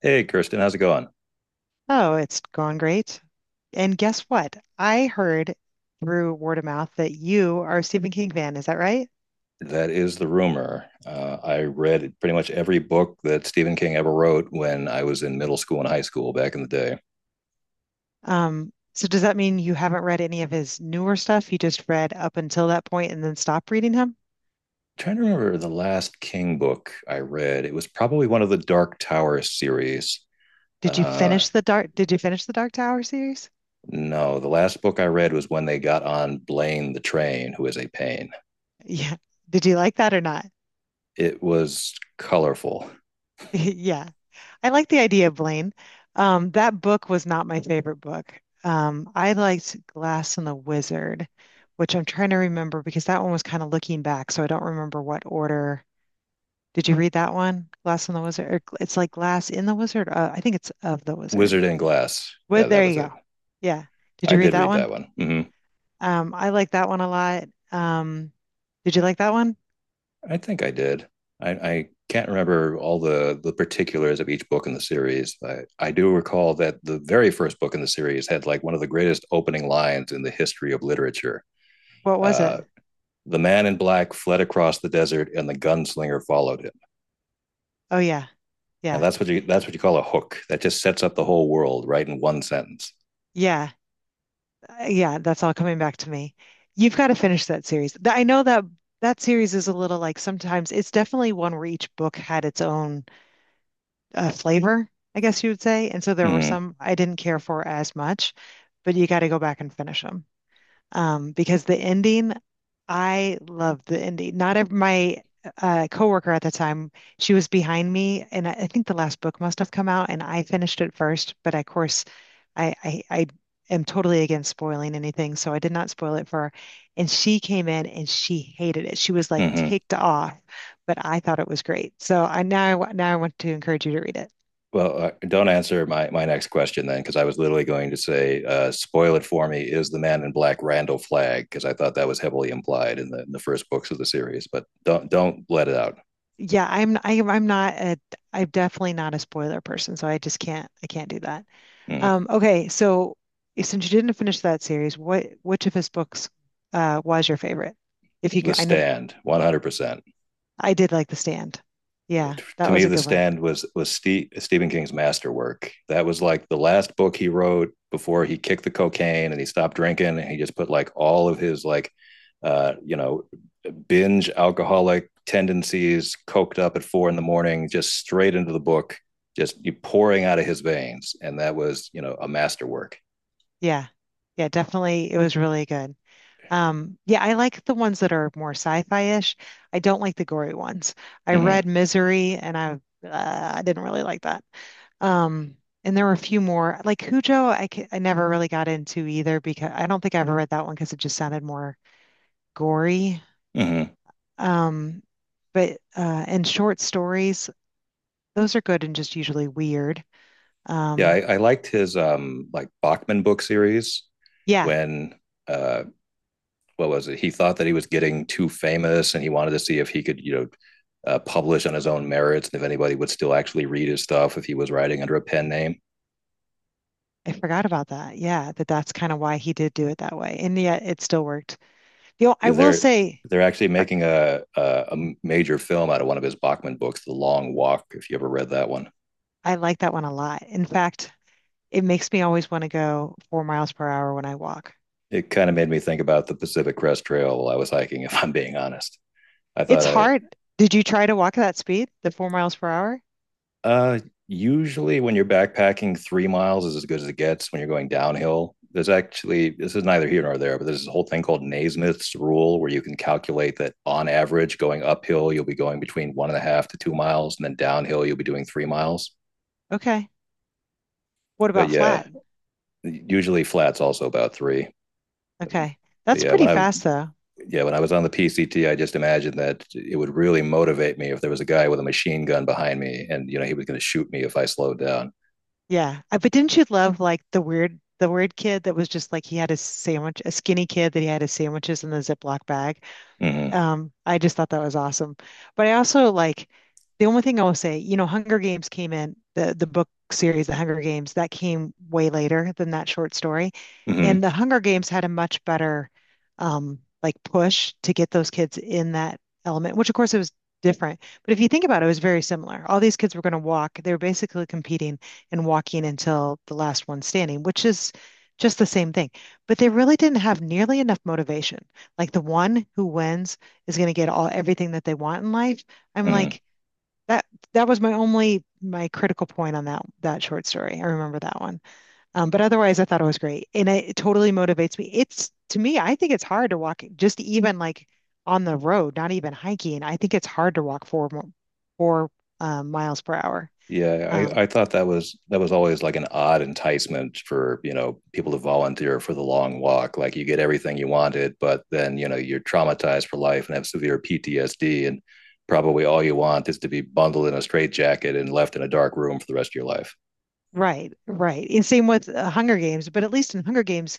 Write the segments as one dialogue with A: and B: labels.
A: Hey, Kirsten, how's it going?
B: Oh, it's gone great. And guess what? I heard through word of mouth that you are a Stephen King fan. Is that right?
A: That is the rumor. I read pretty much every book that Stephen King ever wrote when I was in middle school and high school back in the day.
B: So does that mean you haven't read any of his newer stuff? You just read up until that point and then stopped reading him?
A: Trying to remember the last King book I read. It was probably one of the Dark Tower series.
B: Did you
A: Uh,
B: finish did you finish the Dark Tower series?
A: no, the last book I read was when they got on Blaine the Train, who is a pain.
B: Yeah. Did you like that or not?
A: It was colorful.
B: Yeah. I like the idea, Blaine. That book was not my favorite book. I liked Glass and the Wizard, which I'm trying to remember because that one was kind of looking back, so I don't remember what order. Did you read that one? Glass and the Wizard, or it's like Glass in the Wizard. I think it's of the Wizard.
A: Wizard in Glass.
B: Well,
A: Yeah, that
B: there
A: was
B: you
A: it.
B: go. Yeah. Did
A: I
B: you read
A: did
B: that
A: read
B: one?
A: that one. Hmm.
B: I like that one a lot. Um, did you like that one?
A: I think I did. I can't remember all the particulars of each book in the series. I do recall that the very first book in the series had like one of the greatest opening lines in the history of literature.
B: What was it?
A: Uh, the man in black fled across the desert, and the gunslinger followed him.
B: Oh yeah,
A: And
B: yeah,
A: that's what you, that's what you call a hook. That just sets up the whole world right in one sentence.
B: yeah. Yeah, that's all coming back to me. You've got to finish that series. I know that that series is a little like sometimes it's definitely one where each book had its own flavor, I guess you would say. And so there were
A: Mm-hmm.
B: some I didn't care for as much, but you got to go back and finish them. Because the ending I love the indie. Not ev my coworker at the time, she was behind me, and I think the last book must have come out, and I finished it first. But of course, I am totally against spoiling anything, so I did not spoil it for her. And she came in and she hated it. She was like
A: Mm-hmm.
B: ticked off, but I thought it was great. So I now I wa- now I want to encourage you to read it.
A: Well, don't answer my next question then, because I was literally going to say, spoil it for me. Is the man in black Randall Flagg? Because I thought that was heavily implied in the first books of the series, but don't let it out.
B: I'm not a I'm definitely not a spoiler person, so I just can't I can't do that.
A: Mm.
B: Okay, so since you didn't finish that series, what which of his books was your favorite? If you
A: The
B: could, I know
A: Stand, 100%.
B: I did like The Stand. Yeah, that
A: To
B: was
A: me,
B: a
A: The
B: good one.
A: Stand was Stephen King's masterwork. That was like the last book he wrote before he kicked the cocaine and he stopped drinking, and he just put like all of his like uh, you know, binge alcoholic tendencies, coked up at four in the morning, just straight into the book, just pouring out of his veins. And that was, a masterwork.
B: Yeah, yeah, definitely, it was really good. Yeah, I like the ones that are more sci-fi-ish. I don't like the gory ones. I
A: Mm-hmm.
B: read Misery, and I didn't really like that. Um, and there were a few more like Cujo. I never really got into either because I don't think I ever read that one because it just sounded more gory.
A: Mm-hmm.
B: Um, but and short stories, those are good and just usually weird.
A: Yeah,
B: Um,
A: I liked his like Bachman book series
B: yeah,
A: when uh what was it? He thought that he was getting too famous and he wanted to see if he could, publish on his own merits and if anybody would still actually read his stuff if he was writing under a pen name.
B: I forgot about that. Yeah, that that's kind of why he did do it that way, and yet it still worked. You know, I will
A: they're
B: say
A: they're actually
B: uh,
A: making a major film out of one of his Bachman books, The Long Walk. If you ever read that one,
B: I like that one a lot. In fact, it makes me always want to go 4 miles per hour when I walk.
A: it kind of made me think about the Pacific Crest Trail while I was hiking. If I'm being honest, I
B: It's
A: thought I
B: hard. Did you try to walk at that speed, the 4 miles per hour?
A: uh, usually when you're backpacking, 3 miles is as good as it gets when you're going downhill. There's actually, this is neither here nor there, but there's this whole thing called Naismith's rule where you can calculate that on average, going uphill you'll be going between one and a half to 2 miles, and then downhill you'll be doing 3 miles.
B: Okay. What
A: But
B: about flat?
A: yeah, usually flat's also about three.
B: Okay.
A: But
B: That's
A: yeah,
B: pretty
A: when I
B: fast though.
A: yeah, when I was on the PCT, I just imagined that it would really motivate me if there was a guy with a machine gun behind me, and you know he was going to shoot me if I slowed down.
B: Yeah. But didn't you love like the weird kid that was just like he had a sandwich, a skinny kid that he had his sandwiches in the Ziploc bag
A: Mm-hmm,
B: I just thought that was awesome. But I also like the only thing I will say, you know, Hunger Games came in the book series, The Hunger Games, that came way later than that short story. And
A: mm-hmm,
B: The Hunger Games had a much better like push to get those kids in that element, which of course it was different. But if you think about it, it was very similar. All these kids were going to walk. They were basically competing and walking until the last one standing, which is just the same thing. But they really didn't have nearly enough motivation. Like the one who wins is going to get all everything that they want in life. I'm
A: mm-hmm.
B: like that. That was my only my critical point on that short story. I remember that one, but otherwise, I thought it was great, and it totally motivates me. It's to me, I think it's hard to walk just even like on the road, not even hiking. I think it's hard to walk four miles per hour.
A: Yeah, I,
B: Um,
A: I thought that was, that was always like an odd enticement for you know people to volunteer for the long walk. Like you get everything you wanted, but then you know you're traumatized for life and have severe PTSD, and probably all you want is to be bundled in a straitjacket and left in a dark room for the rest of your life.
B: right, right. And same with Hunger Games, but at least in Hunger Games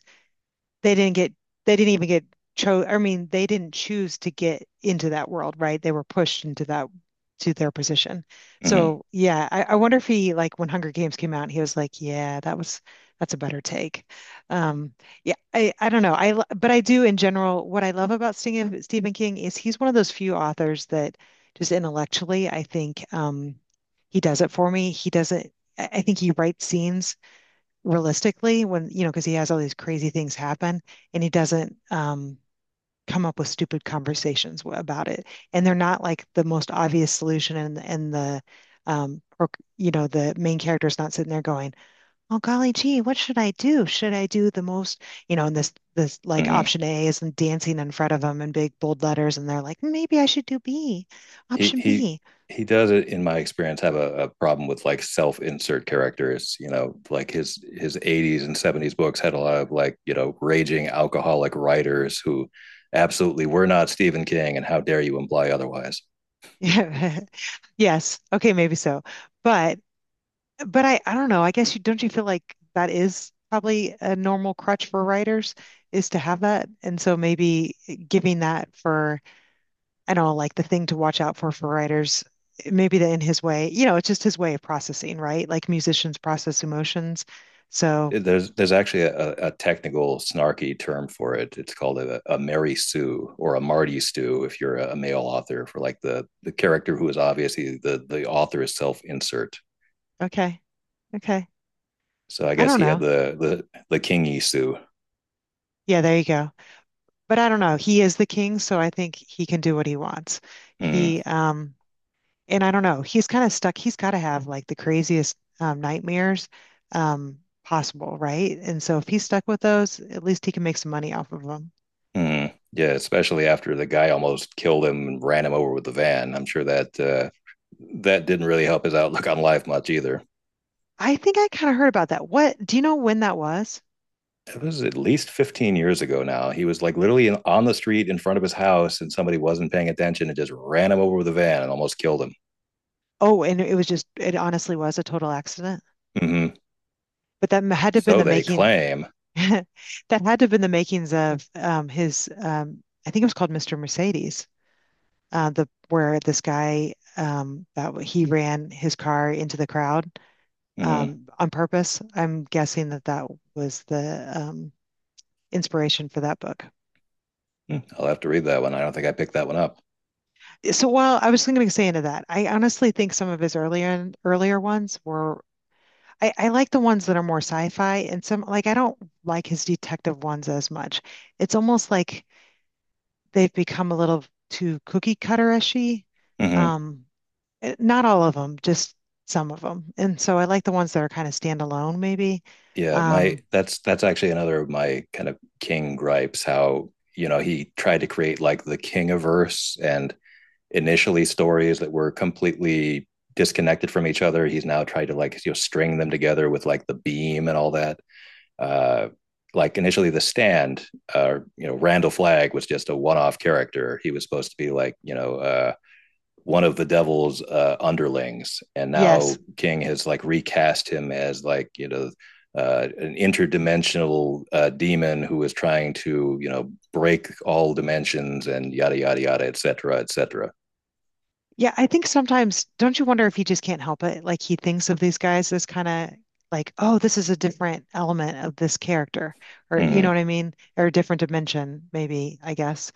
B: they didn't get they didn't even get chose I mean they didn't choose to get into that world, right? They were pushed into that to their position.
A: Mm-hmm.
B: So yeah, I wonder if he like when Hunger Games came out, he was like, yeah, that's a better take. Um, yeah, I don't know. But I do in general. What I love about Stephen King is he's one of those few authors that just intellectually, I think he does it for me. He doesn't. I think he writes scenes realistically when you know because he has all these crazy things happen and he doesn't come up with stupid conversations about it and they're not like the most obvious solution and the um, you know the main character is not sitting there going oh golly gee what should I do the most you know and this like
A: Mm-hmm.
B: option A is dancing in front of them in big bold letters and they're like maybe I should do B
A: He
B: option
A: he
B: B
A: he does, it in my experience, have a problem with like self insert characters, you know, like his 80s and 70s books had a lot of like, you know, raging alcoholic writers who absolutely were not Stephen King, and how dare you imply otherwise.
B: yes okay maybe so but But I don't know. I guess you don't you feel like that is probably a normal crutch for writers is to have that. And so maybe giving that for, I don't know, like the thing to watch out for writers, maybe the in his way, you know, it's just his way of processing, right? Like musicians process emotions. So,
A: There's actually a technical snarky term for it, it's called a Mary Sue, or a Marty Stew if you're a male author, for like the character who is obviously, the author is self insert,
B: okay, okay.
A: so I
B: I
A: guess
B: don't
A: he had
B: know.
A: the kingy sue.
B: Yeah, there you go. But I don't know. He is the king, so I think he can do what he wants.
A: Mm,
B: He and I don't know, he's kind of stuck. He's got to have like the craziest nightmares possible, right? And so if he's stuck with those, at least he can make some money off of them.
A: mm. Yeah, especially after the guy almost killed him and ran him over with the van. I'm sure that that didn't really help his outlook on life much either.
B: I think I kind of heard about that. What do you know when that was?
A: It was at least 15 years ago now. He was like literally in, on the street in front of his house, and somebody wasn't paying attention and just ran him over with a van and almost killed him.
B: Oh, and it was just, it honestly was a total accident.
A: Hmm.
B: But had to have been
A: So
B: the
A: they
B: making,
A: claim.
B: that had to have been the makings of I think it was called Mr. Mercedes, the where this guy he ran his car into the crowd
A: Mm-hmm.
B: on purpose. I'm guessing that that was the inspiration for that book.
A: Hmm. I'll have to read that one. I don't think I picked that one up.
B: So while I was going to say into that, I honestly think some of his earlier ones were. I like the ones that are more sci-fi and some like I don't like his detective ones as much. It's almost like they've become a little too cookie cutter-ishy.
A: Hmm.
B: Um, not all of them, just some of them. And so I like the ones that are kind of standalone, maybe.
A: Yeah, my
B: Um,
A: that's actually another of my kind of King gripes. How, you know, he tried to create like the king of verse and initially stories that were completely disconnected from each other. He's now tried to like, you know, string them together with like the beam and all that. Uh like initially The Stand, you know, Randall Flagg was just a one-off character. He was supposed to be like, you know, one of the devil's underlings, and
B: yes,
A: now King has like recast him as like, you know, an interdimensional demon who is trying to, you know, break all dimensions and yada yada yada etc etc.
B: Yeah, I think sometimes, don't you wonder if he just can't help it? Like he thinks of these guys as kind of like, oh, this is a different element of this character, or you know
A: Mm-hmm.
B: what I mean? Or a different dimension, maybe, I guess.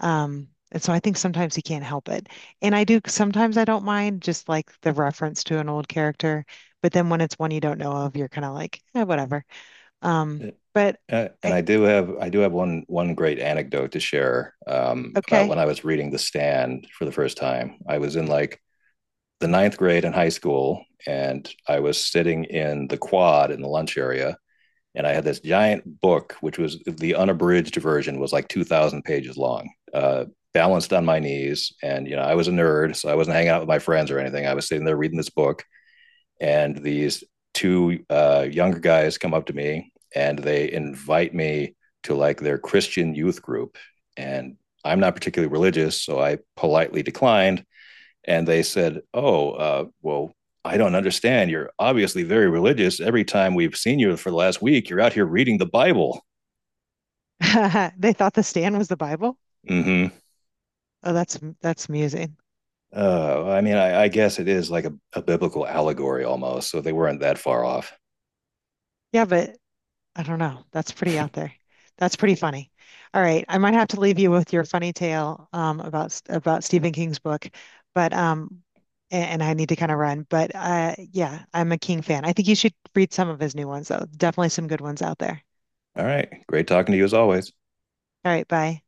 B: And so I think sometimes he can't help it. And I do, sometimes I don't mind just like the reference to an old character, but then when it's one you don't know of, you're kind of like, eh, whatever. Um, but
A: And
B: I,
A: I do have one, one great anecdote to share about when
B: okay.
A: I was reading The Stand for the first time. I was in like the ninth grade in high school, and I was sitting in the quad in the lunch area, and I had this giant book, which was the unabridged version, was like 2,000 pages long, balanced on my knees. And you know, I was a nerd, so I wasn't hanging out with my friends or anything. I was sitting there reading this book, and these two younger guys come up to me and they invite me to like their Christian youth group, and I'm not particularly religious, so I politely declined, and they said, "Oh, well, I don't understand. You're obviously very religious. Every time we've seen you for the last week, you're out here reading the Bible."
B: They thought the stand was the Bible.
A: Mm-hmm.
B: Oh, that's amusing.
A: I mean, I guess it is like a biblical allegory almost. So they weren't that far off.
B: Yeah, but I don't know. That's pretty out there. That's pretty funny. All right, I might have to leave you with your funny tale about Stephen King's book, but um, and, I need to kind of run. But yeah, I'm a King fan. I think you should read some of his new ones though. Definitely some good ones out there.
A: All right, great talking to you as always.
B: All right, bye.